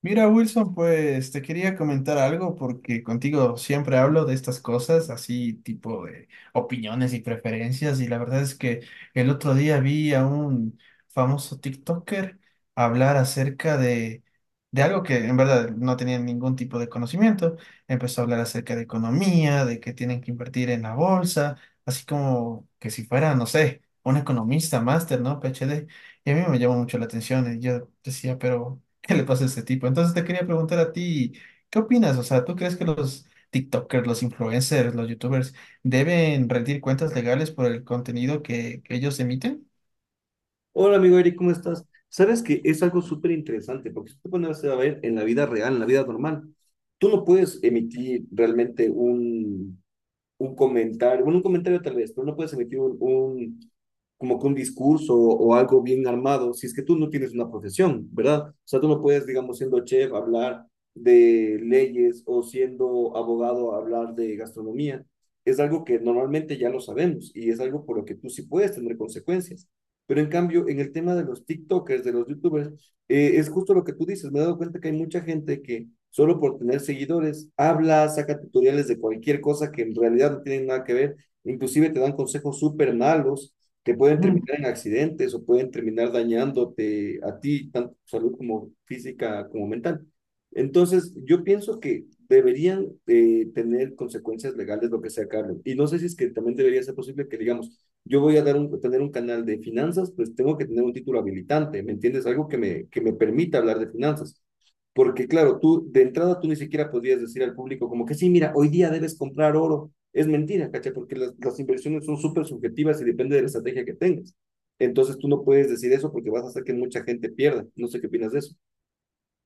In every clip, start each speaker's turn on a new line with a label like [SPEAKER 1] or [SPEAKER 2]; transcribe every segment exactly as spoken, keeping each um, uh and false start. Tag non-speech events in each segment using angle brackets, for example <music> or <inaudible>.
[SPEAKER 1] Mira, Wilson, pues te quería comentar algo porque contigo siempre hablo de estas cosas, así tipo de opiniones y preferencias, y la verdad es que el otro día vi a un famoso TikToker hablar acerca de, de algo que en verdad no tenía ningún tipo de conocimiento. Empezó a hablar acerca de economía, de que tienen que invertir en la bolsa, así como que si fuera, no sé, un economista, máster, ¿no? PhD. Y a mí me llamó mucho la atención y yo decía, pero... ¿Qué le pasa a este tipo? Entonces te quería preguntar a ti, ¿qué opinas? O sea, ¿tú crees que los TikTokers, los influencers, los YouTubers deben rendir cuentas legales por el contenido que, que ellos emiten?
[SPEAKER 2] Hola amigo Eric, ¿cómo estás? Sabes que es algo súper interesante, porque si te pones a ver en la vida real, en la vida normal, tú no puedes emitir realmente un, un comentario, bueno, un comentario tal vez, pero no puedes emitir un, un- como que un discurso o algo bien armado si es que tú no tienes una profesión, ¿verdad? O sea, tú no puedes, digamos, siendo chef, hablar de leyes o siendo abogado, hablar de gastronomía. Es algo que normalmente ya lo sabemos y es algo por lo que tú sí puedes tener consecuencias. Pero en cambio, en el tema de los TikTokers, de los YouTubers, eh, es justo lo que tú dices, me he dado cuenta que hay mucha gente que solo por tener seguidores habla, saca tutoriales de cualquier cosa que en realidad no tienen nada que ver, inclusive te dan consejos súper malos que pueden terminar en accidentes o pueden terminar dañándote a ti, tanto tu salud como física como mental. Entonces, yo pienso que deberían eh, tener consecuencias legales lo que sea, Carlos. Y no sé si es que también debería ser posible que, digamos, yo voy a dar un, tener un canal de finanzas, pues tengo que tener un título habilitante, ¿me entiendes? Algo que me, que me permita hablar de finanzas. Porque claro, tú de entrada tú ni siquiera podrías decir al público como que sí, mira, hoy día debes comprar oro. Es mentira, ¿cachai? Porque las, las inversiones son súper subjetivas y depende de la estrategia que tengas. Entonces tú no puedes decir eso porque vas a hacer que mucha gente pierda. No sé qué opinas de eso.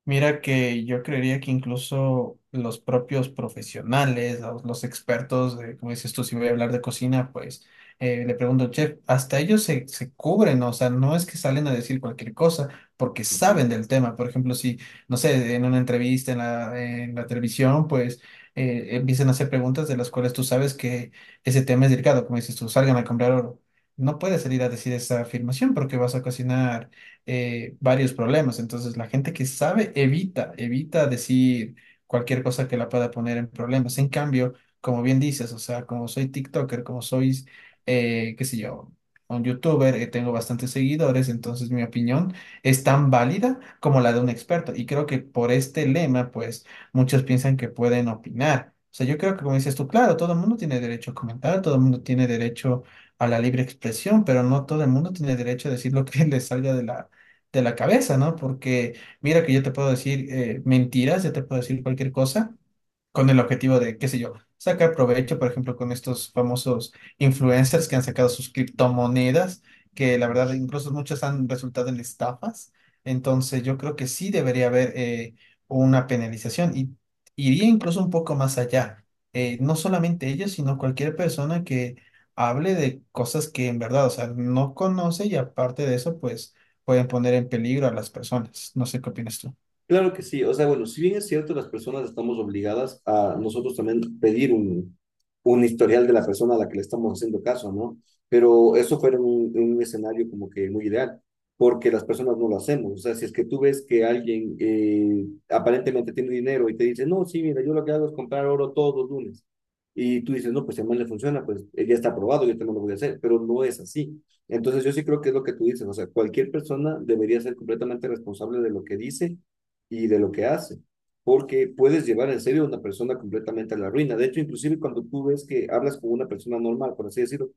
[SPEAKER 1] Mira que yo creería que incluso los propios profesionales, los, los expertos, de, como dices tú, si voy a hablar de cocina, pues eh, le pregunto, chef, hasta ellos se, se cubren, ¿no? O sea, no es que salen a decir cualquier cosa, porque
[SPEAKER 2] Ujú.
[SPEAKER 1] saben del tema. Por ejemplo, si, no sé, en una entrevista en la, en la televisión, pues eh, empiezan a hacer preguntas de las cuales tú sabes que ese tema es delicado, como dices tú, salgan a comprar oro. No puedes salir a decir esa afirmación porque vas a cocinar eh, varios problemas. Entonces, la gente que sabe evita, evita decir cualquier cosa que la pueda poner en problemas. En cambio, como bien dices, o sea, como soy TikToker, como sois, eh, qué sé yo, un YouTuber, eh, tengo bastantes seguidores, entonces mi opinión es tan válida como la de un experto. Y creo que por este lema, pues, muchos piensan que pueden opinar. O sea, yo creo que como dices tú, claro, todo el mundo tiene derecho a comentar, todo el mundo tiene derecho a la libre expresión, pero no todo el mundo tiene derecho a decir lo que <laughs> le salga de la, de la cabeza, ¿no? Porque mira que yo te puedo decir eh, mentiras, yo te puedo decir cualquier cosa con el objetivo de, qué sé yo, sacar provecho, por ejemplo, con estos famosos influencers que han sacado sus criptomonedas, que la verdad incluso muchas han resultado en estafas. Entonces yo creo que sí debería haber eh, una penalización y iría incluso un poco más allá. Eh, no solamente ellos, sino cualquier persona que hable de cosas que en verdad, o sea, no conoce y aparte de eso, pues pueden poner en peligro a las personas. No sé qué opinas tú.
[SPEAKER 2] Claro que sí, o sea, bueno, si bien es cierto, las personas estamos obligadas a nosotros también pedir un, un historial de la persona a la que le estamos haciendo caso, ¿no? Pero eso fuera un, un escenario como que muy ideal, porque las personas no lo hacemos, o sea, si es que tú ves que alguien eh, aparentemente tiene dinero y te dice, no, sí, mira, yo lo que hago es comprar oro todos los lunes, y tú dices, no, pues si a mí le funciona, pues eh, ya está aprobado, yo también lo voy a hacer, pero no es así. Entonces yo sí creo que es lo que tú dices, o sea, cualquier persona debería ser completamente responsable de lo que dice y de lo que hace, porque puedes llevar en serio a una persona completamente a la ruina. De hecho, inclusive cuando tú ves que hablas con una persona normal, por así decirlo,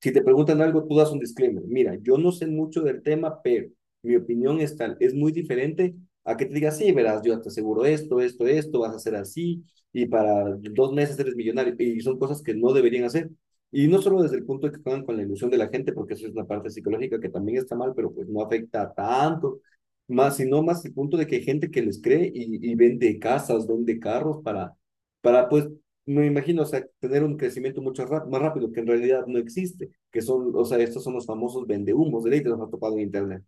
[SPEAKER 2] si te preguntan algo, tú das un disclaimer. Mira, yo no sé mucho del tema, pero mi opinión es tal, es muy diferente a que te digas, sí, verás, yo te aseguro esto, esto, esto, vas a hacer así, y para dos meses eres millonario, y son cosas que no deberían hacer. Y no solo desde el punto de que juegan con la ilusión de la gente, porque eso es una parte psicológica que también está mal, pero pues no afecta tanto más, sino más el punto de que hay gente que les cree y, y vende casas, vende carros para, para, pues, me imagino, o sea, tener un crecimiento mucho ra- más rápido que en realidad no existe, que son, o sea, estos son los famosos vendehumos de ley que los ha topado en internet.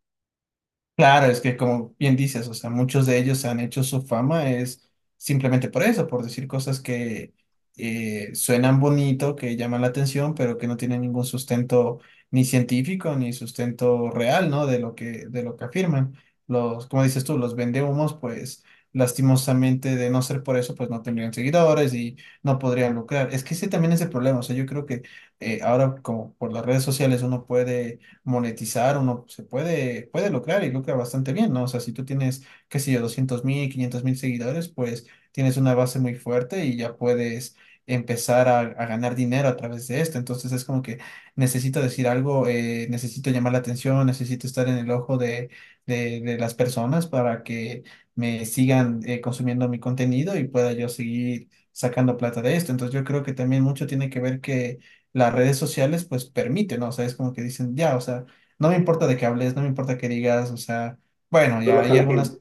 [SPEAKER 1] Claro, es que como bien dices, o sea, muchos de ellos han hecho su fama es simplemente por eso, por decir cosas que eh, suenan bonito, que llaman la atención, pero que no tienen ningún sustento ni científico ni sustento real, ¿no? De lo que de lo que afirman. Los, como dices tú, los vendehumos, pues lastimosamente de no ser por eso, pues no tendrían seguidores y no podrían lucrar. Es que ese también es el problema, o sea, yo creo que eh, ahora como por las redes sociales uno puede monetizar, uno se puede, puede lucrar y lucra bastante bien, ¿no? O sea, si tú tienes, qué sé yo, doscientos mil, quinientos mil seguidores, pues tienes una base muy fuerte y ya puedes empezar a, a ganar dinero a través de esto. Entonces es como que necesito decir algo, eh, necesito llamar la atención, necesito estar en el ojo de, de, de las personas para que me sigan eh, consumiendo mi contenido y pueda yo seguir sacando plata de esto. Entonces yo creo que también mucho tiene que ver que las redes sociales pues permiten, ¿no? O sea, es como que dicen, ya, o sea, no me importa de qué hables, no me importa qué digas, o sea, bueno,
[SPEAKER 2] Solo
[SPEAKER 1] ya hay
[SPEAKER 2] ojalá gente.
[SPEAKER 1] algunas,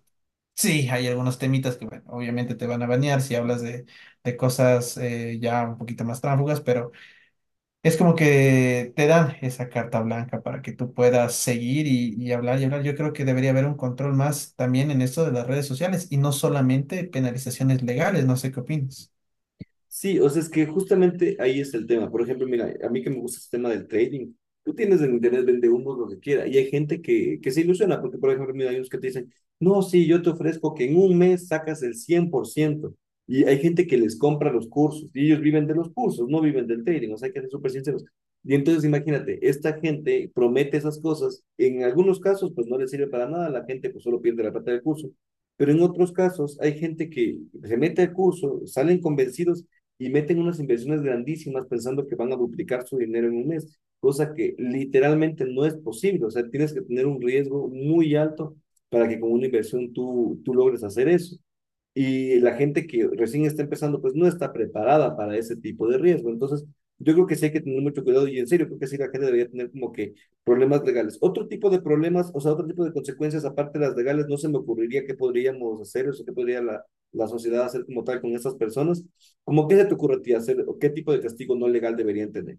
[SPEAKER 1] sí, hay algunos temitas que, bueno, obviamente te van a banear si hablas de, de cosas eh, ya un poquito más tráfugas, pero es como que te dan esa carta blanca para que tú puedas seguir y, y hablar y hablar. Yo creo que debería haber un control más también en esto de las redes sociales y no solamente penalizaciones legales, no sé qué opinas.
[SPEAKER 2] Sí, o sea, es que justamente ahí es el tema. Por ejemplo, mira, a mí que me gusta el tema del trading. Tú tienes en internet, vende humo, lo que quiera. Y hay gente que, que se ilusiona, porque, por ejemplo, mira, hay unos que te dicen, no, sí, yo te ofrezco que en un mes sacas el cien por ciento. Y hay gente que les compra los cursos. Y ellos viven de los cursos, no viven del trading. O sea, hay que ser súper sinceros. Y entonces, imagínate, esta gente promete esas cosas. En algunos casos, pues no les sirve para nada. La gente, pues solo pierde la plata del curso. Pero en otros casos, hay gente que se mete al curso, salen convencidos y meten unas inversiones grandísimas pensando que van a duplicar su dinero en un mes, cosa que literalmente no es posible. O sea, tienes que tener un riesgo muy alto para que con una inversión tú, tú logres hacer eso y la gente que recién está empezando, pues no está preparada para ese tipo de riesgo. Entonces, yo creo que sí hay que tener mucho cuidado y en serio, creo que sí la gente debería tener como que problemas legales. Otro tipo de problemas, o sea, otro tipo de consecuencias aparte de las legales, no se me ocurriría qué podríamos hacer, o sea, qué podría la, la sociedad hacer como tal con estas personas. ¿Cómo qué se te ocurre a ti hacer o qué tipo de castigo no legal deberían tener?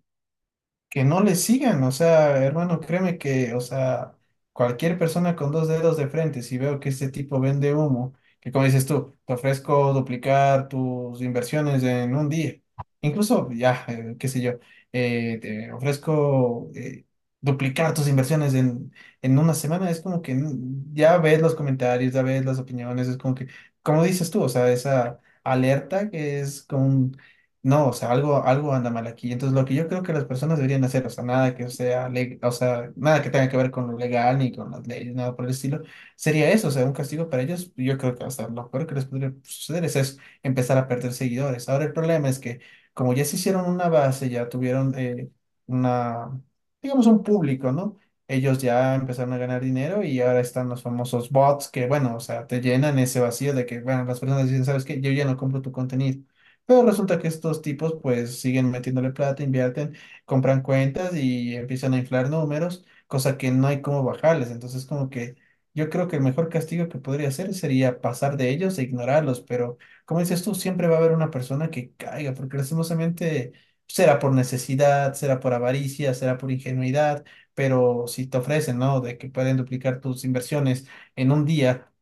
[SPEAKER 1] Que no le sigan, o sea, hermano, créeme que, o sea, cualquier persona con dos dedos de frente, si veo que este tipo vende humo, que como dices tú, te ofrezco duplicar tus inversiones en un día, incluso ya, eh, qué sé yo, eh, te ofrezco eh, duplicar tus inversiones en, en una semana, es como que mm, ya ves los comentarios, ya ves las opiniones, es como que, como dices tú, o sea, esa alerta que es como un no, o sea, algo, algo anda mal aquí. Entonces, lo que yo creo que las personas deberían hacer, o sea, nada que sea, le- o sea, nada que tenga que ver con lo legal ni con las leyes, nada por el estilo, sería eso, o sea, un castigo para ellos. Yo creo que hasta lo peor que les podría suceder es eso, empezar a perder seguidores. Ahora, el problema es que, como ya se hicieron una base, ya tuvieron eh, una, digamos, un público, ¿no? Ellos ya empezaron a ganar dinero y ahora están los famosos bots que, bueno, o sea, te llenan ese vacío de que, bueno, las personas dicen, ¿sabes qué? Yo ya no compro tu contenido. Pero resulta que estos tipos pues siguen metiéndole plata, invierten, compran cuentas y empiezan a inflar números, cosa que no hay cómo bajarles. Entonces como que yo creo que el mejor castigo que podría hacer sería pasar de ellos e ignorarlos. Pero como dices tú, siempre va a haber una persona que caiga, porque lastimosamente será por necesidad, será por avaricia, será por ingenuidad, pero si te ofrecen, ¿no? De que pueden duplicar tus inversiones en un día.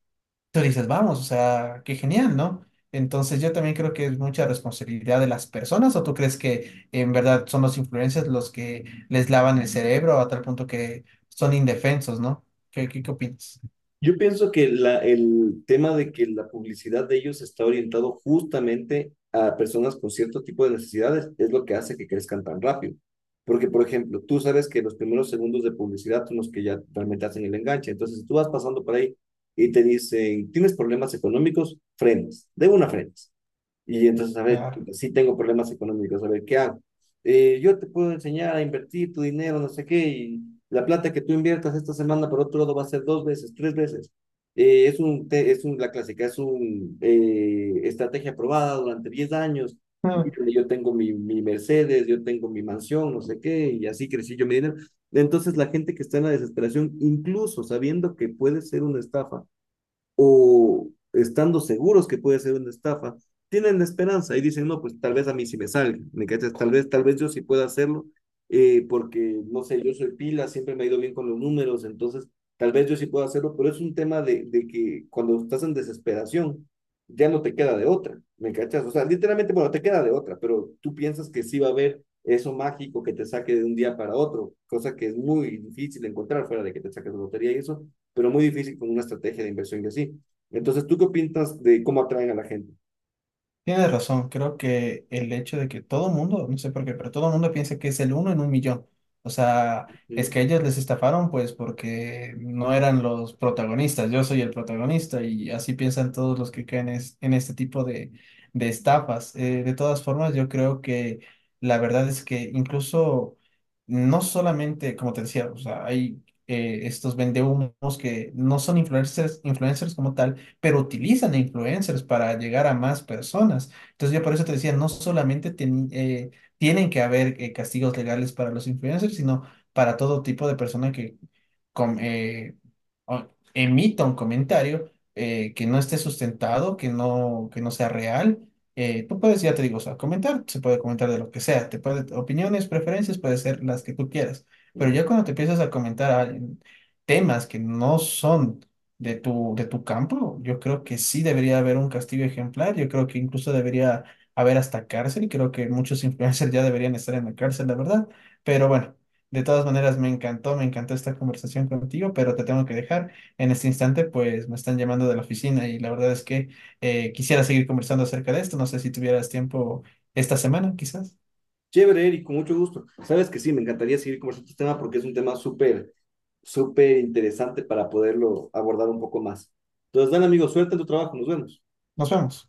[SPEAKER 1] Tú dices, vamos, o sea, qué genial, ¿no? Entonces yo también creo que es mucha responsabilidad de las personas. ¿O tú crees que en verdad son los influencers los que les lavan el cerebro a tal punto que son indefensos, ¿no? ¿Qué, qué, qué opinas?
[SPEAKER 2] Yo pienso que la- el tema de que la publicidad de ellos está orientado justamente a personas con cierto tipo de necesidades es lo que hace que crezcan tan rápido. Porque, por ejemplo, tú sabes que los primeros segundos de publicidad son los que ya realmente hacen el enganche. Entonces, si tú vas pasando por ahí y te dicen, ¿tienes problemas económicos? Frenas, de una frenas. Y entonces, a ver,
[SPEAKER 1] Claro.
[SPEAKER 2] pues, sí tengo problemas económicos, a ver, ¿qué hago? Eh, yo te puedo enseñar a invertir tu dinero, no sé qué, y la plata que tú inviertas esta semana, por otro lado, va a ser dos veces, tres veces. Eh, es un, te- es un, la clásica, es un eh, estrategia probada durante diez años.
[SPEAKER 1] <laughs>
[SPEAKER 2] Mírale, yo tengo mi, mi Mercedes, yo tengo mi mansión, no sé qué, y así crecí yo mi dinero. Entonces, la gente que está en la desesperación, incluso sabiendo que puede ser una estafa, o estando seguros que puede ser una estafa, tienen la esperanza y dicen, no, pues tal vez a mí sí me salga, ¿me cachas? Tal vez, tal vez yo sí pueda hacerlo, eh, porque, no sé, yo soy pila, siempre me ha ido bien con los números, entonces tal vez yo sí pueda hacerlo, pero es un tema de, de que cuando estás en desesperación, ya no te queda de otra, ¿me cachas? O sea, literalmente, bueno, te queda de otra, pero tú piensas que sí va a haber eso mágico que te saque de un día para otro, cosa que es muy difícil encontrar fuera de que te saques de lotería y eso, pero muy difícil con una estrategia de inversión y así. Entonces, ¿tú qué opinas de cómo atraen a la gente?
[SPEAKER 1] Tienes razón, creo que el hecho de que todo el mundo, no sé por qué, pero todo el mundo piensa que es el uno en un millón. O sea, es
[SPEAKER 2] Mm,
[SPEAKER 1] que ellos les estafaron pues porque no eran los protagonistas, yo soy el protagonista y así piensan todos los que caen es- en este tipo de, de estafas. Eh, de todas formas, yo creo que la verdad es que incluso no solamente, como te decía, o sea, hay eh, estos vendehumos que no son influencers, influencers, como tal pero utilizan a influencers para llegar a más personas. Entonces yo por eso te decía, no solamente teni- eh, tienen que haber eh, castigos legales para los influencers, sino para todo tipo de persona que com- eh, o- emita un comentario eh, que no esté sustentado, que no, que no sea real, eh, tú puedes, ya te digo, o sea, comentar, se puede comentar de lo que sea, te puede, opiniones, preferencias, puede ser las que tú quieras, pero
[SPEAKER 2] mm.
[SPEAKER 1] ya cuando te empiezas a comentar a- en temas que no son de tu, de tu campo, yo creo que sí debería haber un castigo ejemplar, yo creo que incluso debería haber hasta cárcel, y creo que muchos <laughs> influencers ya deberían estar en la cárcel, la verdad, pero bueno. De todas maneras, me encantó, me encantó esta conversación contigo, pero te tengo que dejar. En este instante, pues me están llamando de la oficina y la verdad es que eh, quisiera seguir conversando acerca de esto. No sé si tuvieras tiempo esta semana, quizás.
[SPEAKER 2] Chévere, Eric, con mucho gusto. Sabes que sí, me encantaría seguir conversando este tema porque es un tema súper, súper interesante para poderlo abordar un poco más. Entonces, dan amigos, suerte en tu trabajo, nos vemos.
[SPEAKER 1] Nos vemos.